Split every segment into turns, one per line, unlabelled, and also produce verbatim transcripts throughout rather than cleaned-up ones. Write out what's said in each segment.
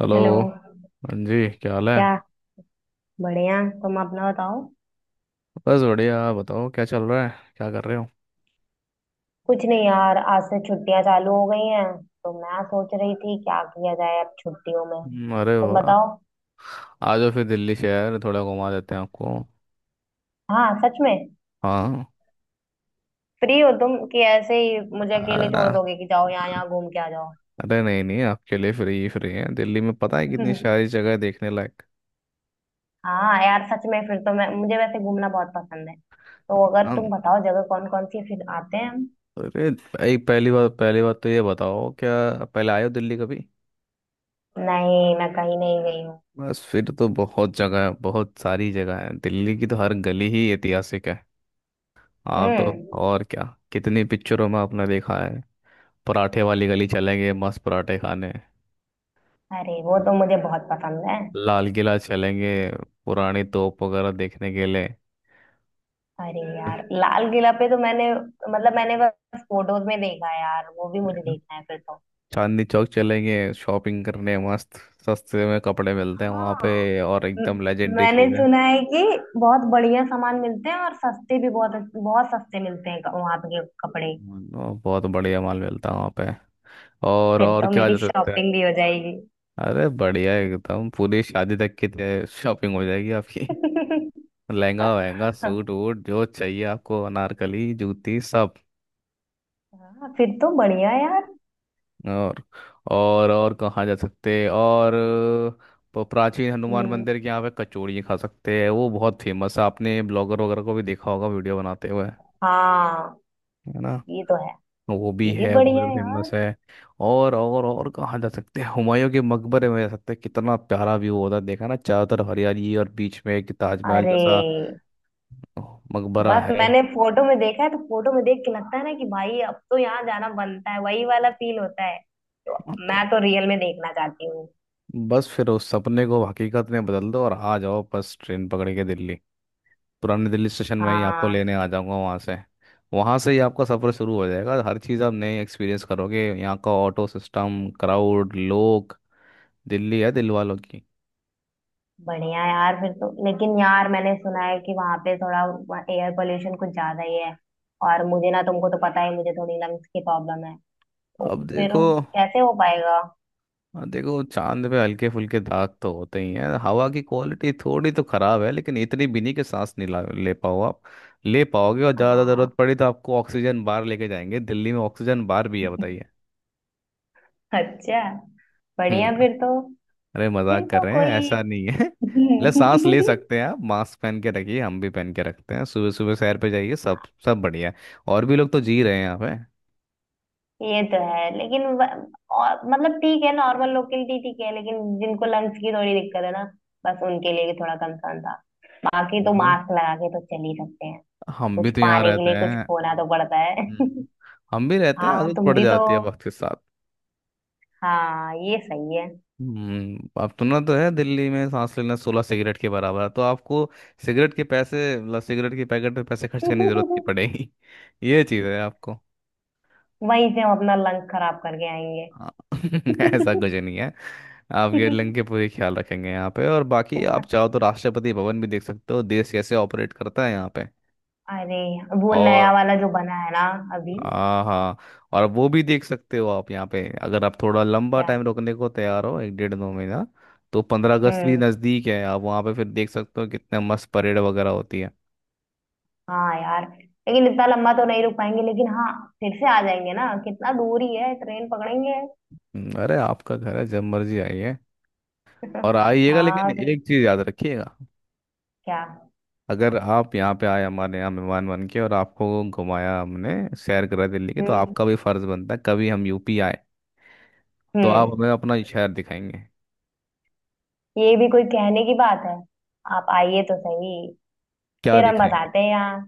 Hello.
Hello.
हाँ जी, क्या हाल है?
क्या? बढ़िया, तुम अपना बताओ।
बस बढ़िया, आप बताओ, क्या चल रहा है? क्या कर रहे हो?
कुछ नहीं यार, आज से छुट्टियां चालू हो गई हैं, तो मैं सोच रही थी क्या किया जाए अब छुट्टियों में।
हम्म, अरे
तुम
वाह।
बताओ।
आ जाओ फिर, दिल्ली शहर थोड़ा घुमा देते हैं आपको।
हाँ, सच में?
हाँ,
फ्री हो तुम कि ऐसे ही मुझे अकेले छोड़
आ,
दोगे कि जाओ यहाँ यहाँ घूम के आ जाओ?
अरे नहीं नहीं, आपके लिए फ्री ही फ्री है। दिल्ली में पता है कितनी सारी जगह है देखने लायक।
हाँ यार, सच में। फिर तो मैं मुझे वैसे घूमना बहुत पसंद है, तो अगर
हाँ,
तुम बताओ जगह कौन कौन सी है, फिर आते हैं हम।
अरे एक पहली बात, पहली बात तो ये बताओ क्या — पहले आए हो दिल्ली कभी?
नहीं, मैं कहीं नहीं गई हूँ।
बस फिर तो बहुत जगह है, बहुत सारी जगह है। दिल्ली की तो हर गली ही ऐतिहासिक है। आप तो,
हम्म।
और क्या, कितनी पिक्चरों में आपने देखा है। पराठे वाली गली चलेंगे मस्त पराठे खाने।
अरे, वो तो मुझे बहुत पसंद है।
लाल किला चलेंगे, पुरानी तोप वगैरह देखने के लिए।
अरे यार, लाल किला पे तो मैंने मतलब मैंने बस फोटोज में देखा है यार, वो भी मुझे देखना है फिर तो।
चांदनी चौक चलेंगे शॉपिंग करने मस्त, सस्ते में कपड़े मिलते हैं वहाँ
हाँ।
पे, और
म-
एकदम लेजेंडरी
मैंने
चीज़ें,
सुना है कि बहुत बढ़िया सामान मिलते हैं, और सस्ते भी बहुत बहुत सस्ते मिलते हैं वहां पे के कपड़े।
और बहुत बढ़िया माल मिलता है वहाँ पे। और
फिर
और
तो
क्या जा
मेरी
सकता है?
शॉपिंग भी हो जाएगी।
अरे बढ़िया, एकदम पूरी शादी तक की शॉपिंग हो जाएगी आपकी। लहंगा वहंगा सूट वूट, जो चाहिए आपको, अनारकली जूती सब।
हाँ, फिर तो बढ़िया यार।
और और और कहाँ जा सकते हैं और? प- प्राचीन हनुमान
हम्म।
मंदिर के यहाँ पे कचौड़ी खा सकते हैं, वो बहुत फेमस है। आपने ब्लॉगर वगैरह को भी देखा होगा वीडियो बनाते हुए,
हाँ,
है ना?
ये तो है।
वो भी
ये भी
है,
बढ़िया
बहुत
है यार।
फेमस है। और और और कहाँ जा सकते हैं? हुमायूं के मकबरे में जा सकते हैं, कितना प्यारा व्यू होता है। देखा ना, चारों तरफ हरियाली और बीच में एक ताजमहल
अरे,
जैसा मकबरा
बस
है।
मैंने फोटो में देखा है, तो फोटो में देख के लगता है ना कि भाई अब तो यहाँ जाना बनता है, वही वाला फील होता है। तो
हाँ, तो
मैं तो रियल में देखना चाहती हूँ।
बस फिर उस सपने को हकीकत में बदल दो और आ जाओ, बस ट्रेन पकड़ के दिल्ली। पुराने दिल्ली स्टेशन में ही आपको
हाँ,
लेने आ जाऊंगा वहाँ से। वहाँ से ही आपका सफ़र शुरू हो जाएगा, हर चीज़ आप नए एक्सपीरियंस करोगे, यहाँ का ऑटो सिस्टम, क्राउड, लोग। दिल्ली है दिल वालों की।
बढ़िया यार, फिर तो। लेकिन यार मैंने सुना है कि वहां पे थोड़ा एयर पोल्यूशन कुछ ज्यादा ही है। और मुझे ना, तुमको तो पता ही है, मुझे थोड़ी लंग्स की प्रॉब्लम है। तो
अब
फिर
देखो,
कैसे हो पाएगा?
देखो, चांद पे हल्के फुल्के दाग तो होते ही हैं, हवा की क्वालिटी थोड़ी तो ख़राब है लेकिन इतनी भी नहीं कि सांस नहीं ला ले पाओ आप, ले पाओगे। और ज़्यादा
हाँ,
ज़रूरत पड़ी तो आपको ऑक्सीजन बार लेके जाएंगे, दिल्ली में ऑक्सीजन बार भी है, बताइए।
अच्छा। बढ़िया
हम्म।
फिर तो।
अरे
फिर
मजाक कर
तो
रहे हैं,
कोई।
ऐसा नहीं है। ले सांस ले सकते हैं आप, मास्क पहन के रखिए, हम भी पहन के रखते हैं, सुबह सुबह सैर पे जाइए, सब सब बढ़िया है। और भी लोग तो जी रहे हैं यहाँ पे।
ये तो है लेकिन व- और, मतलब ठीक है नॉर्मल लोग के लिए ठीक है, लेकिन जिनको लंग्स की थोड़ी दिक्कत है ना, बस उनके लिए भी थोड़ा कंसर्न था। बाकी तो
अरे।
मास्क लगा के तो चल ही सकते हैं।
हम भी
कुछ
तो यहाँ
पाने के
रहते
लिए कुछ
हैं।
खोना तो पड़ता है।
हम्म। हम भी रहते हैं,
हाँ,
आदत
तुम
पड़
भी तो।
जाती है वक्त के साथ।
हाँ, ये सही है।
हम्म, अब सुना तो है दिल्ली में सांस लेना सोलह सिगरेट के बराबर है, तो आपको सिगरेट के पैसे, मतलब सिगरेट के पैकेट पे पैसे खर्च करने की जरूरत नहीं
वहीं
पड़ेगी। ये चीज़ है आपको।
से हम अपना लंग खराब करके
हाँ, ऐसा
आएंगे।
कुछ नहीं है, आप गेटलिंग के पूरे ख्याल रखेंगे यहाँ पे। और बाकी आप चाहो तो राष्ट्रपति भवन भी देख सकते हो, देश कैसे ऑपरेट करता है यहाँ पे।
अरे, वो
और
नया वाला जो बना है ना, अभी?
हाँ, हाँ, और वो भी देख सकते हो आप यहाँ पे, अगर आप थोड़ा लंबा
क्या?
टाइम रुकने को तैयार हो एक डेढ़ दो महीना, तो पंद्रह अगस्त भी
हम्म,
नज़दीक है, आप वहाँ पे फिर देख सकते हो कितने मस्त परेड वगैरह होती है।
हाँ यार। लेकिन इतना लंबा तो नहीं रुक पाएंगे, लेकिन हाँ, फिर से आ जाएंगे ना, कितना दूर ही है, ट्रेन पकड़ेंगे।
हम्म, अरे आपका घर है, जब मर्जी आइए। और आइएगा, लेकिन
हाँ फिर।
एक चीज़ याद रखिएगा —
क्या?
अगर आप यहाँ पे आए हमारे यहाँ मेहमान बन के, और आपको घुमाया हमने, सैर करा दिल्ली की, तो
हम्म।
आपका भी फर्ज बनता है कभी हम यूपी आए तो आप
हम्म,
हमें अपना शहर दिखाएंगे,
ये भी कोई कहने की बात है? आप आइए तो सही,
क्या
फिर हम
दिखाएंगे?
बताते हैं यहाँ।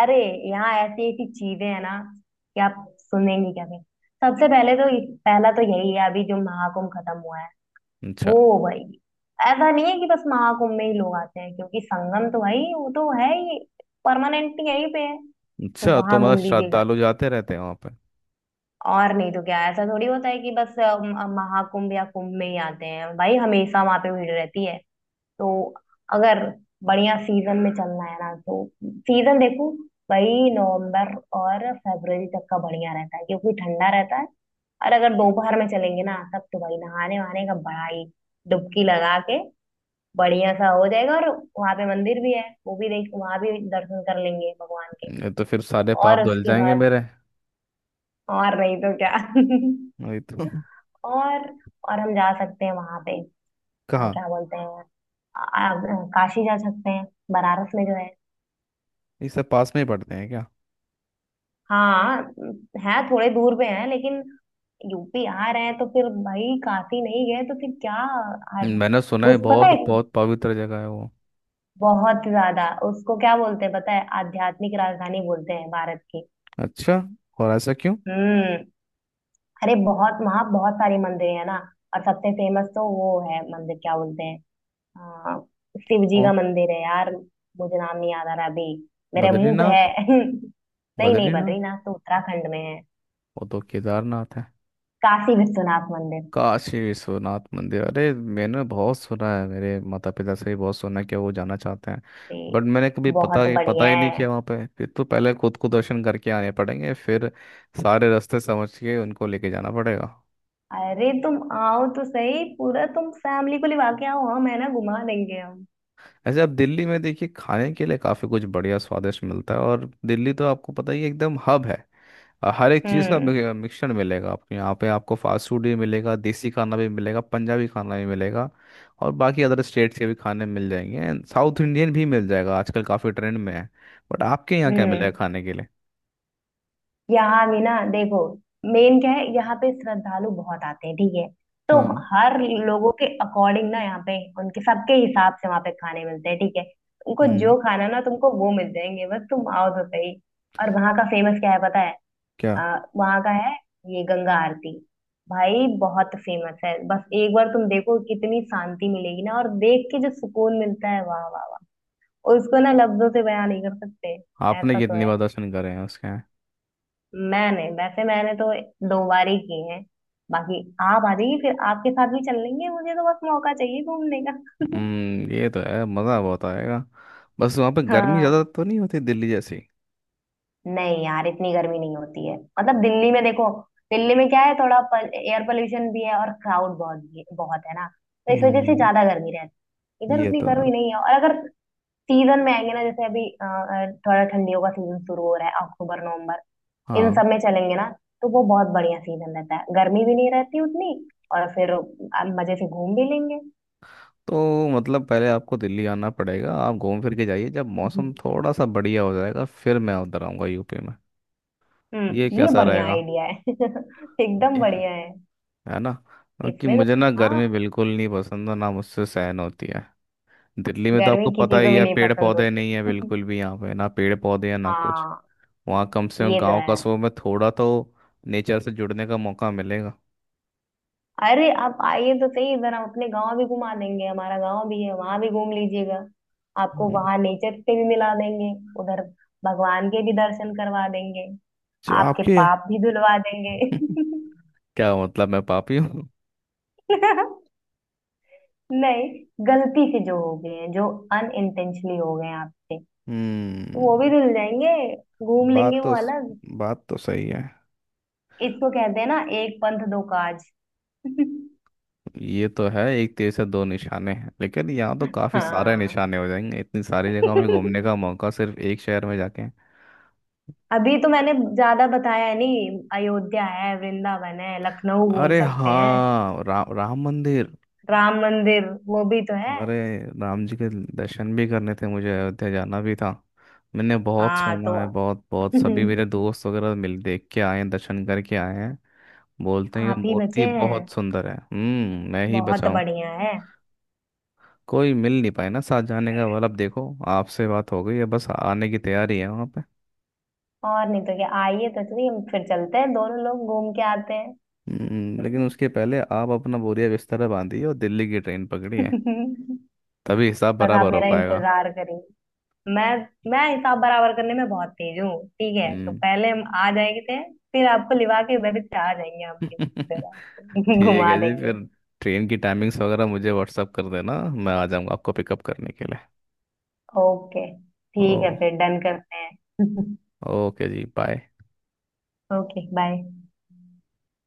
अरे, यहाँ ऐसी ऐसी चीजें हैं ना कि आप सुनेंगे क्या फिर। सबसे पहले तो, पहला तो यही है, अभी जो महाकुंभ खत्म हुआ है
अच्छा,
वो। भाई, ऐसा नहीं है कि बस महाकुंभ में ही लोग आते हैं, क्योंकि संगम तो भाई वो तो है ही, परमानेंटली यहीं पे है। तो
अच्छा, तो
वहां
मतलब
घूम लीजिएगा,
श्रद्धालु जाते रहते हैं वहाँ पे।
और नहीं तो क्या, ऐसा थोड़ी होता है कि बस अ, म- महाकुंभ या कुंभ में ही आते हैं। भाई, हमेशा वहां पे भीड़ रहती है। तो अगर बढ़िया सीजन में चलना है ना, तो सीजन देखो। भाई, नवंबर और फरवरी तक का बढ़िया रहता है क्योंकि ठंडा रहता है। और अगर दोपहर में चलेंगे ना, तब तो भाई नहाने वहाने का बड़ा ही, डुबकी लगा के बढ़िया सा हो जाएगा। और वहां पे मंदिर भी है, वो भी देख, वहां भी दर्शन कर लेंगे भगवान के।
ये तो फिर सारे पाप
और
धुल
उसके
जाएंगे
बाद,
मेरे।
और नहीं तो क्या।
वही तो।
और और हम जा सकते हैं वहां पे, अ,
कहाँ?
क्या बोलते हैं, अ, अ, काशी जा सकते हैं, बनारस में जो है।
ये सब पास में ही पड़ते हैं क्या?
हाँ, है थोड़े दूर पे है, लेकिन यूपी आ रहे हैं तो फिर भाई काशी नहीं गए तो फिर क्या। आ,
मैंने सुना है
उस, पता
बहुत
है,
बहुत पवित्र जगह है वो।
बहुत ज्यादा उसको क्या बोलते हैं, पता है, आध्यात्मिक राजधानी बोलते हैं भारत की।
अच्छा, और ऐसा क्यों?
हम्म। अरे, बहुत वहां बहुत सारी मंदिर है ना। और सबसे फेमस तो वो है मंदिर, क्या बोलते हैं। हाँ, शिव जी
ओ,
का मंदिर है यार, मुझे नाम नहीं याद आ रहा अभी, मेरे मुंह पे
बद्रीनाथ?
है। नहीं नहीं,
बद्रीनाथ?
बद्रीनाथ तो उत्तराखंड में है।
वो तो केदारनाथ है।
काशी विश्वनाथ मंदिर
काशी विश्वनाथ मंदिर, अरे मैंने बहुत सुना है, मेरे माता पिता से भी बहुत सुना है कि वो जाना चाहते हैं।
भी
बट मैंने कभी पता
बहुत
पता
बढ़िया
ही नहीं
है।
किया वहाँ पे। फिर तो पहले खुद को दर्शन करके आने पड़ेंगे, फिर सारे रास्ते समझ के उनको लेके जाना पड़ेगा।
अरे, तुम आओ तो सही, पूरा तुम फैमिली को लिवा के आओ, हम है ना, घुमा देंगे हम।
ऐसे आप दिल्ली में देखिए, खाने के लिए काफ़ी कुछ बढ़िया स्वादिष्ट मिलता है, और दिल्ली तो आपको पता ही है, एकदम हब है। अ, हर एक चीज़ का
हम्म।
मिक- मिक्सचर मिलेगा आपको यहाँ पे। आपको फास्ट फूड भी मिलेगा, देसी खाना भी मिलेगा, पंजाबी खाना भी मिलेगा, और बाकी अदर स्टेट्स के भी खाने मिल जाएंगे, एंड साउथ इंडियन भी मिल जाएगा, आजकल काफ़ी ट्रेंड में है। बट आपके यहाँ क्या मिलेगा
हम्म,
खाने के लिए?
यहाँ भी ना देखो, मेन क्या है यहाँ पे, श्रद्धालु बहुत आते हैं ठीक है। तो
हाँ,
हर लोगों के अकॉर्डिंग ना, यहाँ पे उनके सबके हिसाब से वहाँ पे खाने मिलते हैं ठीक है। तुमको
हम्म,
जो खाना ना, तुमको वो मिल जाएंगे, बस तुम आओ तो सही। और वहाँ का फेमस क्या है पता है?
क्या?
आ, वहाँ का है ये गंगा आरती। भाई, बहुत फेमस है, बस एक बार तुम देखो, कितनी शांति मिलेगी ना, और देख के जो सुकून मिलता है, वाह वाह वाह, उसको ना लफ्जों से बयान नहीं कर सकते।
आपने
ऐसा तो
कितनी
है,
बार दर्शन करे हैं उसके यहाँ?
मैंने वैसे मैंने तो दो बार ही की हैं। बाकी आप आ जाइए, फिर आपके साथ भी चल लेंगे, मुझे तो बस मौका चाहिए घूमने का।
हम्म, ये तो है, मज़ा बहुत आएगा। बस वहाँ पे गर्मी ज़्यादा
हाँ,
तो नहीं होती दिल्ली जैसी?
नहीं यार, इतनी गर्मी नहीं होती है। मतलब दिल्ली में देखो, दिल्ली में क्या है, थोड़ा एयर पोल्यूशन भी है और क्राउड बहुत भी बहुत है ना, तो इस वजह से
हम्म,
ज्यादा गर्मी रहती है। इधर
ये
उतनी
तो है।
गर्मी नहीं है। और अगर सीजन में आएंगे ना, जैसे अभी अ, अ, थोड़ा ठंडियों का सीजन शुरू हो रहा है, अक्टूबर नवंबर, इन
हाँ,
सब में चलेंगे ना, तो वो बहुत बढ़िया सीजन रहता है, गर्मी भी नहीं रहती उतनी, और फिर आप मजे से घूम भी लेंगे।
तो मतलब पहले आपको दिल्ली आना पड़ेगा, आप घूम फिर के जाइए, जब
हम्म।
मौसम थोड़ा सा बढ़िया हो जाएगा फिर मैं उधर आऊँगा यूपी में।
हम्म,
ये
ये
कैसा
बढ़िया
रहेगा,
आइडिया है। एकदम बढ़िया है।
है ना? क्योंकि
इसमें तो,
मुझे ना गर्मी
हाँ,
बिल्कुल नहीं पसंद और ना मुझसे सहन होती है। दिल्ली में तो
गर्मी
आपको पता
किसी को
ही
भी
है,
नहीं
पेड़
पसंद
पौधे नहीं है
होती।
बिल्कुल भी यहाँ पे, ना पेड़ पौधे हैं ना कुछ।
हाँ,
वहाँ कम से कम
ये तो
गाँव
है।
कस्बों में थोड़ा तो नेचर से जुड़ने का मौका मिलेगा।
अरे, आप आइए तो सही, जरा अपने गांव भी घुमा देंगे, हमारा गांव भी है, वहां भी घूम लीजिएगा। आपको
हम्म,
वहां नेचर से भी मिला देंगे। उधर भगवान के भी दर्शन करवा देंगे,
जो
आपके
आपके…
पाप भी धुलवा देंगे।
क्या मतलब, मैं पापी हूँ?
नहीं, गलती से जो हो गए हैं, जो अनइंटेंशनली हो गए हैं आपसे, तो वो भी
हम्म,
धुल जाएंगे। घूम
बात
लेंगे
तो
वो अलग।
बात तो सही है।
इसको कहते हैं ना, एक पंथ दो काज।
ये तो है, एक तीर से दो निशाने हैं, लेकिन यहाँ तो काफी सारे
हाँ।
निशाने हो जाएंगे, इतनी सारी जगह में घूमने का मौका सिर्फ एक शहर में जाके।
अभी तो मैंने ज्यादा बताया नहीं, अयोध्या है, वृंदावन है, लखनऊ घूम
अरे
सकते हैं।
हाँ, रा, राम मंदिर।
राम मंदिर वो भी तो है।
अरे, राम जी के दर्शन भी करने थे मुझे, अयोध्या जाना भी था। मैंने बहुत
हाँ
सुना
तो।
है, बहुत बहुत सभी मेरे दोस्त वगैरह मिल देख के आए हैं, दर्शन करके आए हैं, बोलते हैं ये
आप ही
मूर्ति
बचे हैं,
बहुत सुंदर है। हम्म, मैं ही
बहुत
बचाऊं,
बढ़िया है।
कोई मिल नहीं पाए ना साथ जाने का वाला। अब देखो आपसे बात हो गई है, बस आने की तैयारी है वहाँ।
और नहीं तो क्या, आइए तो चलिए, हम फिर चलते हैं दोनों लोग घूम के आते
हम्म, लेकिन उसके पहले आप अपना बोरिया बिस्तर बांधिए और दिल्ली की ट्रेन
हैं।
पकड़िए, तभी हिसाब
बस आप
बराबर हो
मेरा
पाएगा।
इंतजार करेंगे। मैं मैं हिसाब बराबर करने में बहुत तेज हूँ। ठीक है, तो
हम्म।
पहले हम आ जाएंगे थे, फिर आपको लिवा के उधर से आ जाएंगे हम, इधर आपको
ठीक
घुमा
है जी,
देंगे।
फिर ट्रेन की टाइमिंग्स वगैरह मुझे व्हाट्सअप कर देना, मैं आ जाऊंगा आपको पिकअप करने के लिए।
ओके, ठीक है,
ओ,
फिर डन करते हैं।
ओके जी, बाय।
Okay bye.